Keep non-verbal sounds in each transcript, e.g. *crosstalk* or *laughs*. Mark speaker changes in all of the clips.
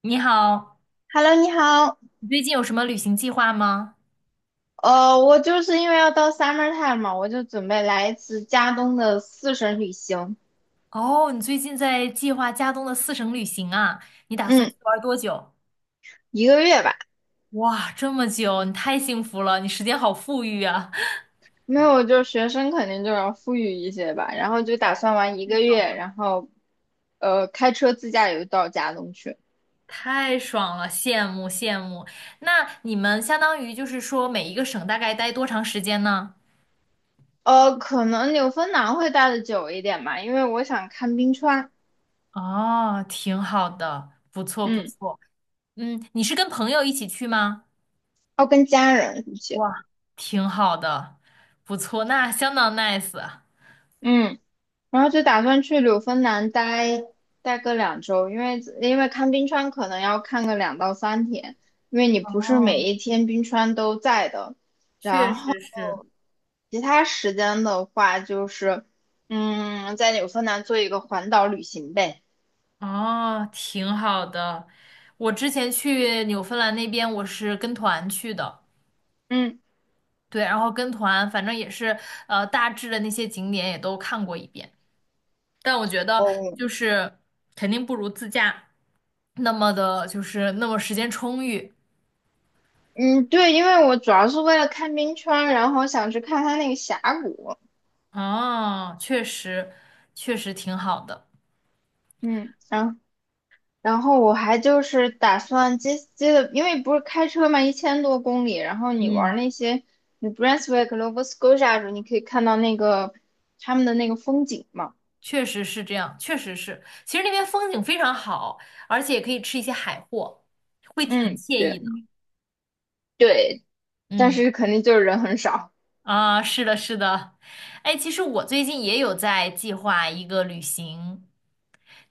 Speaker 1: 你好，
Speaker 2: Hello，你好。
Speaker 1: 你最近有什么旅行计划吗？
Speaker 2: 我就是因为要到 summertime 嘛，我就准备来一次加东的四省旅行。
Speaker 1: 哦，你最近在计划加东的四省旅行啊？你打算
Speaker 2: 嗯，
Speaker 1: 去玩多久？
Speaker 2: 一个月吧。
Speaker 1: 哇，这么久，你太幸福了，你时间好富裕啊，*laughs*
Speaker 2: 没有，我就学生肯定就要富裕一些吧，然后就打算玩一
Speaker 1: 太
Speaker 2: 个
Speaker 1: 爽
Speaker 2: 月，
Speaker 1: 了，
Speaker 2: 然后开车自驾游到加东去。
Speaker 1: 太爽了，羡慕羡慕。那你们相当于每一个省大概待多长时间呢？
Speaker 2: 可能纽芬兰会待的久一点吧，因为我想看冰川。
Speaker 1: 哦，挺好的，不错不
Speaker 2: 嗯，
Speaker 1: 错。嗯，你是跟朋友一起去吗？
Speaker 2: 要跟家人一起。
Speaker 1: 哇，挺好的，不错，那相当 nice 啊。
Speaker 2: 嗯。然后就打算去柳芬兰待个2周，因为看冰川可能要看个2到3天，因为你不是
Speaker 1: 哦，
Speaker 2: 每一天冰川都在的。
Speaker 1: 确
Speaker 2: 然后
Speaker 1: 实是。
Speaker 2: 其他时间的话，就是在纽芬兰做一个环岛旅行呗。
Speaker 1: 哦，挺好的。我之前去纽芬兰那边，我是跟团去的，
Speaker 2: 嗯。
Speaker 1: 对，然后跟团，反正也是，大致的那些景点也都看过一遍。但我觉得
Speaker 2: 哦。
Speaker 1: 就是肯定不如自驾那么的，那么时间充裕。
Speaker 2: 嗯，对，因为我主要是为了看冰川，然后想去看它那个峡谷。
Speaker 1: 啊，确实，确实挺好的。
Speaker 2: 嗯，然后我还就是打算接接的，因为不是开车嘛，1000多公里，然后你玩
Speaker 1: 嗯，
Speaker 2: 那些，你 Brunswick、Nova Scotia 的时候，你可以看到那个他们的那个风景嘛。
Speaker 1: 确实是这样，确实是。其实那边风景非常好，而且也可以吃一些海货，会很
Speaker 2: 嗯，
Speaker 1: 惬意
Speaker 2: 对
Speaker 1: 的。
Speaker 2: 对，但
Speaker 1: 嗯。
Speaker 2: 是肯定就是人很少。
Speaker 1: 啊，是的，是的。哎，其实我最近也有在计划一个旅行，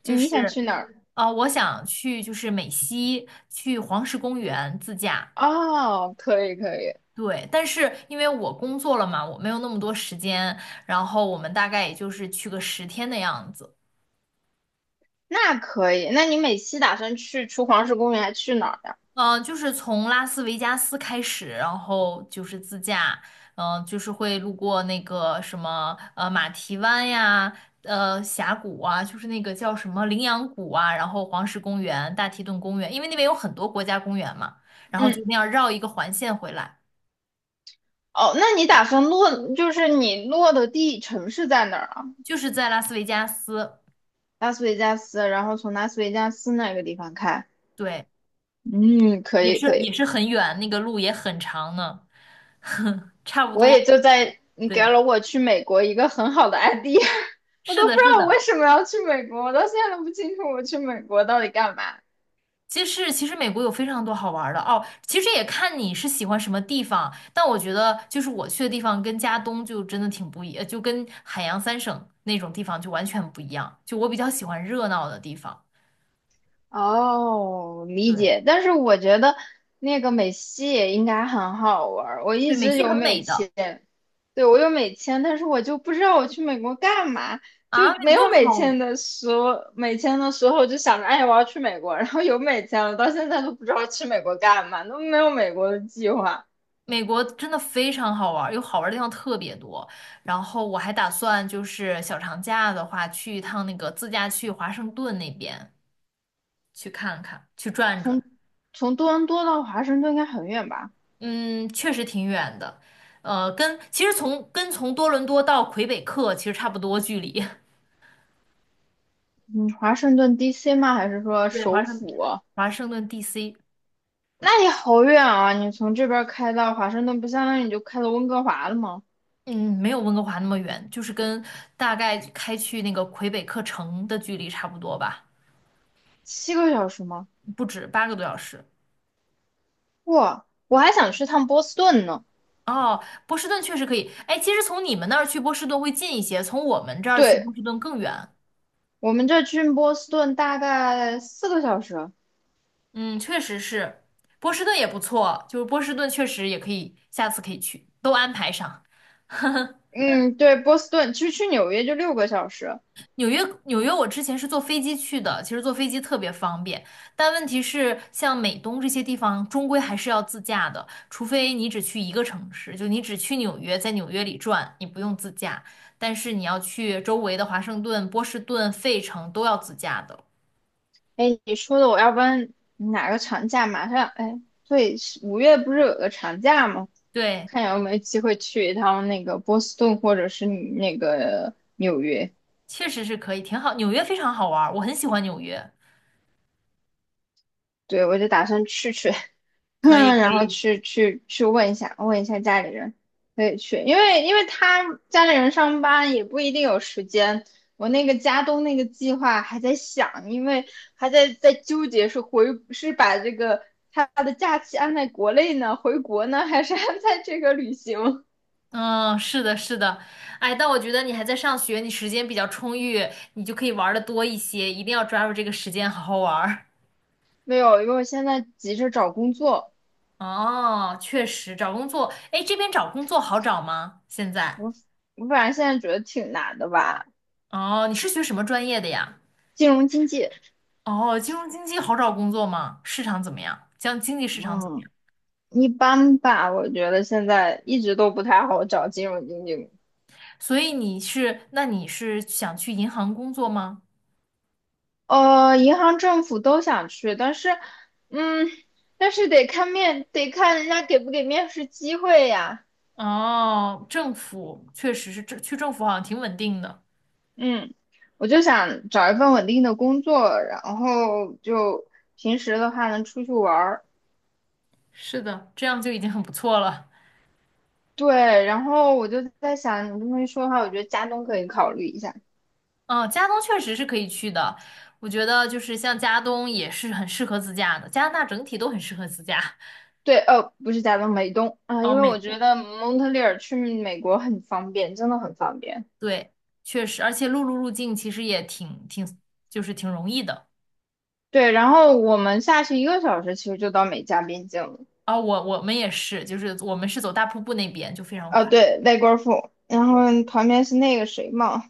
Speaker 1: 就
Speaker 2: 你想去
Speaker 1: 是，
Speaker 2: 哪儿？
Speaker 1: 啊，我想去美西，去黄石公园自驾。
Speaker 2: 哦，可以可以。
Speaker 1: 对，但是因为我工作了嘛，我没有那么多时间，然后我们大概也就是去个十天的样子。
Speaker 2: 那可以。那你每期打算去除黄石公园，还去哪儿呀？
Speaker 1: 就是从拉斯维加斯开始，然后就是自驾，就是会路过那个什么马蹄湾呀，峡谷啊，就是那个叫什么羚羊谷啊，然后黄石公园、大提顿公园，因为那边有很多国家公园嘛，然后就
Speaker 2: 嗯。
Speaker 1: 那样绕一个环线回来，
Speaker 2: 哦，那你打算落，就是你落的地城市在哪儿啊？
Speaker 1: 就是在拉斯维加斯。
Speaker 2: 拉斯维加斯，然后从拉斯维加斯那个地方开。
Speaker 1: 对，
Speaker 2: 嗯，可
Speaker 1: 也
Speaker 2: 以可
Speaker 1: 是也
Speaker 2: 以，
Speaker 1: 是很远，那个路也很长呢，*laughs* 差不
Speaker 2: 我也就
Speaker 1: 多，
Speaker 2: 在你给
Speaker 1: 对，
Speaker 2: 了我去美国一个很好的 idea。*laughs* 我
Speaker 1: 是
Speaker 2: 都不
Speaker 1: 的，
Speaker 2: 知
Speaker 1: 是
Speaker 2: 道我为
Speaker 1: 的。
Speaker 2: 什么要去美国，我到现在都不清楚我去美国到底干嘛。
Speaker 1: 其实，其实美国有非常多好玩儿的哦。其实也看你是喜欢什么地方，但我觉得我去的地方跟加东就真的挺不一，呃就跟海洋三省那种地方就完全不一样。就我比较喜欢热闹的地方，
Speaker 2: 哦，理
Speaker 1: 对
Speaker 2: 解。但是我觉得那个美西也应该很好玩儿。我一
Speaker 1: 对，美
Speaker 2: 直
Speaker 1: 西
Speaker 2: 有
Speaker 1: 很
Speaker 2: 美
Speaker 1: 美的。
Speaker 2: 签。对，我有美签，但是我就不知道我去美国干嘛。就
Speaker 1: 啊，美
Speaker 2: 没有
Speaker 1: 国
Speaker 2: 美
Speaker 1: 好，
Speaker 2: 签的时候，美签的时候就想着，哎，我要去美国。然后有美签了，到现在都不知道去美国干嘛，都没有美国的计划。
Speaker 1: 美国真的非常好玩儿，有好玩儿的地方特别多。然后我还打算小长假的话去一趟那个自驾去华盛顿那边去看看，去转转。
Speaker 2: 从从多伦多到华盛顿应该很远吧？
Speaker 1: 嗯，确实挺远的，跟其实从多伦多到魁北克其实差不多距离。
Speaker 2: 嗯，华盛顿 DC 吗？还是
Speaker 1: *laughs*
Speaker 2: 说
Speaker 1: 对，
Speaker 2: 首府啊？
Speaker 1: 华盛顿 DC。
Speaker 2: 那也好远啊！你从这边儿开到华盛顿，不相当于你就开到温哥华了吗？
Speaker 1: 嗯，没有温哥华那么远，就是跟大概开去那个魁北克城的距离差不多吧，
Speaker 2: 7个小时吗？
Speaker 1: 不止八个多小时。
Speaker 2: 哇，我还想去趟波士顿呢。
Speaker 1: 哦，波士顿确实可以。哎，其实从你们那儿去波士顿会近一些，从我们这儿去
Speaker 2: 对，
Speaker 1: 波士顿更远。
Speaker 2: 我们这去波士顿大概4个小时。
Speaker 1: 嗯，确实是，波士顿也不错，波士顿确实也可以，下次可以去，都安排上。
Speaker 2: 嗯，对，波士顿其实去纽约就6个小时。
Speaker 1: 纽约，纽约，我之前是坐飞机去的，其实坐飞机特别方便，但问题是，像美东这些地方，终归还是要自驾的，除非你只去一个城市，就你只去纽约，在纽约里转，你不用自驾，但是你要去周围的华盛顿、波士顿、费城都要自驾的。
Speaker 2: 哎，你说的，我要不然哪个长假马上？哎，对，5月不是有个长假吗？
Speaker 1: 对，
Speaker 2: 看有没有机会去一趟那个波士顿或者是那个纽约。
Speaker 1: 确实是可以，挺好，纽约非常好玩儿，我很喜欢纽约。
Speaker 2: 对，我就打算去去。*laughs*
Speaker 1: 可以
Speaker 2: 嗯，
Speaker 1: 可
Speaker 2: 然后
Speaker 1: 以，
Speaker 2: 去问一下，家里人，可以去，因为他家里人上班也不一定有时间。我那个家东那个计划还在想，因为还在纠结是回是把这个他的假期安在国内呢，回国呢，还是安在这个旅行？
Speaker 1: 嗯，是的，是的。哎，但我觉得你还在上学，你时间比较充裕，你就可以玩的多一些，一定要抓住这个时间好好玩儿。
Speaker 2: 没有，因为我现在急着找工作，
Speaker 1: 哦，确实，找工作，哎，这边找工作好找吗？现在？
Speaker 2: 我我反正现在觉得挺难的吧。
Speaker 1: 哦，你是学什么专业的呀？
Speaker 2: 金融经济。
Speaker 1: 哦，金融经济好找工作吗？市场怎么样？将经济市场怎么
Speaker 2: 嗯，
Speaker 1: 样？
Speaker 2: 一般吧，我觉得现在一直都不太好找金融经济。
Speaker 1: 所以你是，那你是想去银行工作吗？
Speaker 2: 银行、政府都想去。嗯，但是得看面，得看人家给不给面试机会呀。
Speaker 1: 哦，政府确实是，政府好像挺稳定的。
Speaker 2: 嗯，我就想找一份稳定的工作，然后就平时的话能出去玩儿。
Speaker 1: 是的，这样就已经很不错了。
Speaker 2: 对，然后我就在想，你这么一说的话，我觉得加东可以考虑一下。
Speaker 1: 哦，加东确实是可以去的，我觉得像加东也是很适合自驾的，加拿大整体都很适合自驾。
Speaker 2: 对，不是加东，美东啊，
Speaker 1: 哦，
Speaker 2: 因为
Speaker 1: 美
Speaker 2: 我觉
Speaker 1: 东。
Speaker 2: 得蒙特利尔去美国很方便，真的很方便。
Speaker 1: 对，确实，而且陆路入境其实也挺挺，就是挺容易的。
Speaker 2: 对，然后我们下去一个小时，其实就到美加边境了。
Speaker 1: 我们也是，我们是走大瀑布那边就非常
Speaker 2: 啊，
Speaker 1: 快。
Speaker 2: 对，外国富，然
Speaker 1: 对，
Speaker 2: 后旁边是那个谁嘛，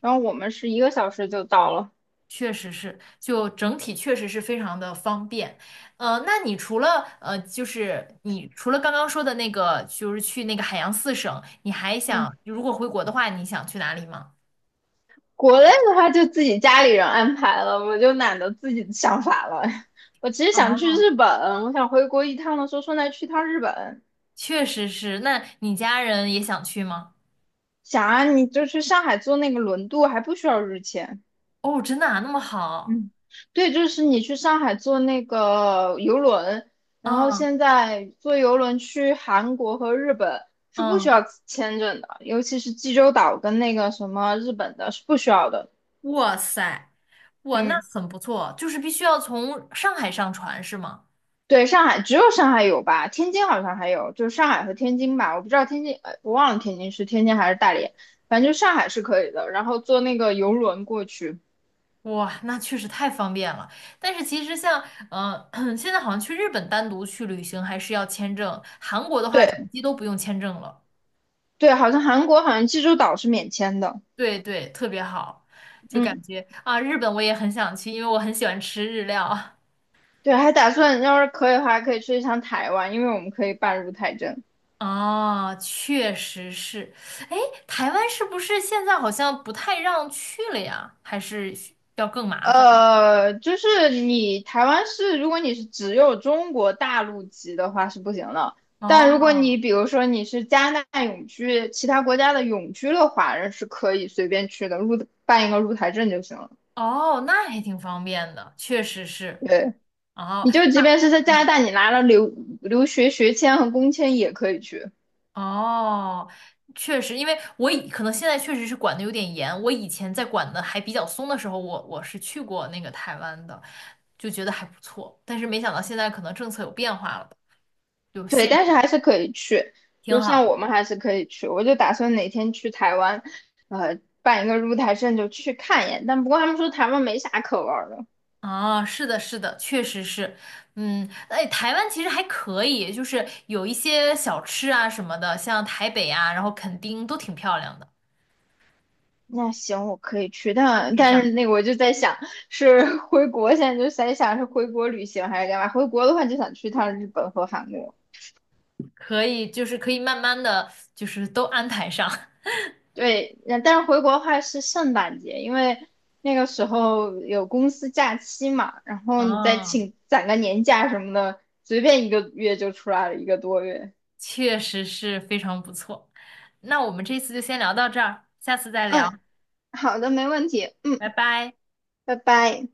Speaker 2: 然后我们是一个小时就到了。
Speaker 1: 确实是，就整体确实是非常的方便。呃，那你除了呃，就是你除了刚刚说的那个，就是去那个海洋四省，你还想
Speaker 2: 嗯，
Speaker 1: 如果回国的话，你想去哪里吗？
Speaker 2: 国内的话就自己家里人安排了，我就懒得自己想法了。*laughs* 我其实想去
Speaker 1: 哦，
Speaker 2: 日本，我想回国一趟的时候顺带去趟日本。
Speaker 1: 确实是。那你家人也想去吗？
Speaker 2: 想啊，你就去上海坐那个轮渡，还不需要日签。
Speaker 1: 哦，真的啊，那么好。
Speaker 2: 嗯，对，就是你去上海坐那个游轮，然后
Speaker 1: 嗯
Speaker 2: 现在坐游轮去韩国和日本是不需
Speaker 1: 嗯，
Speaker 2: 要签证的，尤其是济州岛跟那个什么日本的是不需要的。
Speaker 1: 哇塞，哇，那
Speaker 2: 嗯，
Speaker 1: 很不错。就是必须要从上海上船是吗？
Speaker 2: 对，上海只有上海有吧，天津好像还有，就是上海和天津吧，我不知道天津，我忘了天津是天津还是大连，反正就上海是可以的，然后坐那个游轮过去。
Speaker 1: 哇，那确实太方便了。但是其实像，嗯，*clears throat* 现在好像去日本单独去旅行还是要签证，韩国的话转
Speaker 2: 对
Speaker 1: 机都不用签证了。
Speaker 2: 对，好像韩国好像济州岛是免签的。
Speaker 1: 对对，特别好，就感
Speaker 2: 嗯。
Speaker 1: 觉啊，日本我也很想去，因为我很喜欢吃日料。*laughs*
Speaker 2: 对，还打算要是可以的话，可以去一趟台湾，因为我们可以办入台证。
Speaker 1: 哦，确实是。哎，台湾是不是现在好像不太让去了呀？还是需要更麻烦？
Speaker 2: 就是你台湾是，如果你是只有中国大陆籍的话是不行的，但如果
Speaker 1: 哦
Speaker 2: 你比如说你是加拿大永居，其他国家的永居的华人是可以随便去的，入办一个入台证就行了。
Speaker 1: 哦，那还挺方便的，确实是。
Speaker 2: 对，
Speaker 1: 哦，
Speaker 2: 你就即
Speaker 1: 那
Speaker 2: 便是在加拿大，你拿了留学学签和工签也可以去。
Speaker 1: 哦，确实，因为我以可能现在确实是管的有点严，我以前在管的还比较松的时候，我是去过那个台湾的，就觉得还不错，但是没想到现在可能政策有变化了有
Speaker 2: 对，
Speaker 1: 限
Speaker 2: 但是还是可以去，
Speaker 1: 挺
Speaker 2: 就像
Speaker 1: 好。
Speaker 2: 我们还是可以去。我就打算哪天去台湾，办一个入台证就去看一眼。但不过他们说台湾没啥可玩儿的，
Speaker 1: 啊，是的，是的，确实是，嗯，哎，台湾其实还可以，就是有一些小吃啊什么的，像台北啊，然后垦丁都挺漂亮的，
Speaker 2: 那行我可以去，
Speaker 1: 安排
Speaker 2: 但
Speaker 1: 上，
Speaker 2: 是那个我就在想，是 *laughs* 回国现在就在想是回国旅行还是干嘛？回国的话就想去趟日本和韩国。
Speaker 1: 可以，就是可以慢慢的，就是都安排上。*laughs*
Speaker 2: 对，那但是回国的话是圣诞节，因为那个时候有公司假期嘛，然后你再
Speaker 1: 啊，
Speaker 2: 请攒个年假什么的，随便一个月就出来了一个多月。
Speaker 1: 确实是非常不错。那我们这次就先聊到这儿，下次再聊，
Speaker 2: 嗯，好的，没问题。
Speaker 1: 拜
Speaker 2: 嗯，
Speaker 1: 拜。
Speaker 2: 拜拜。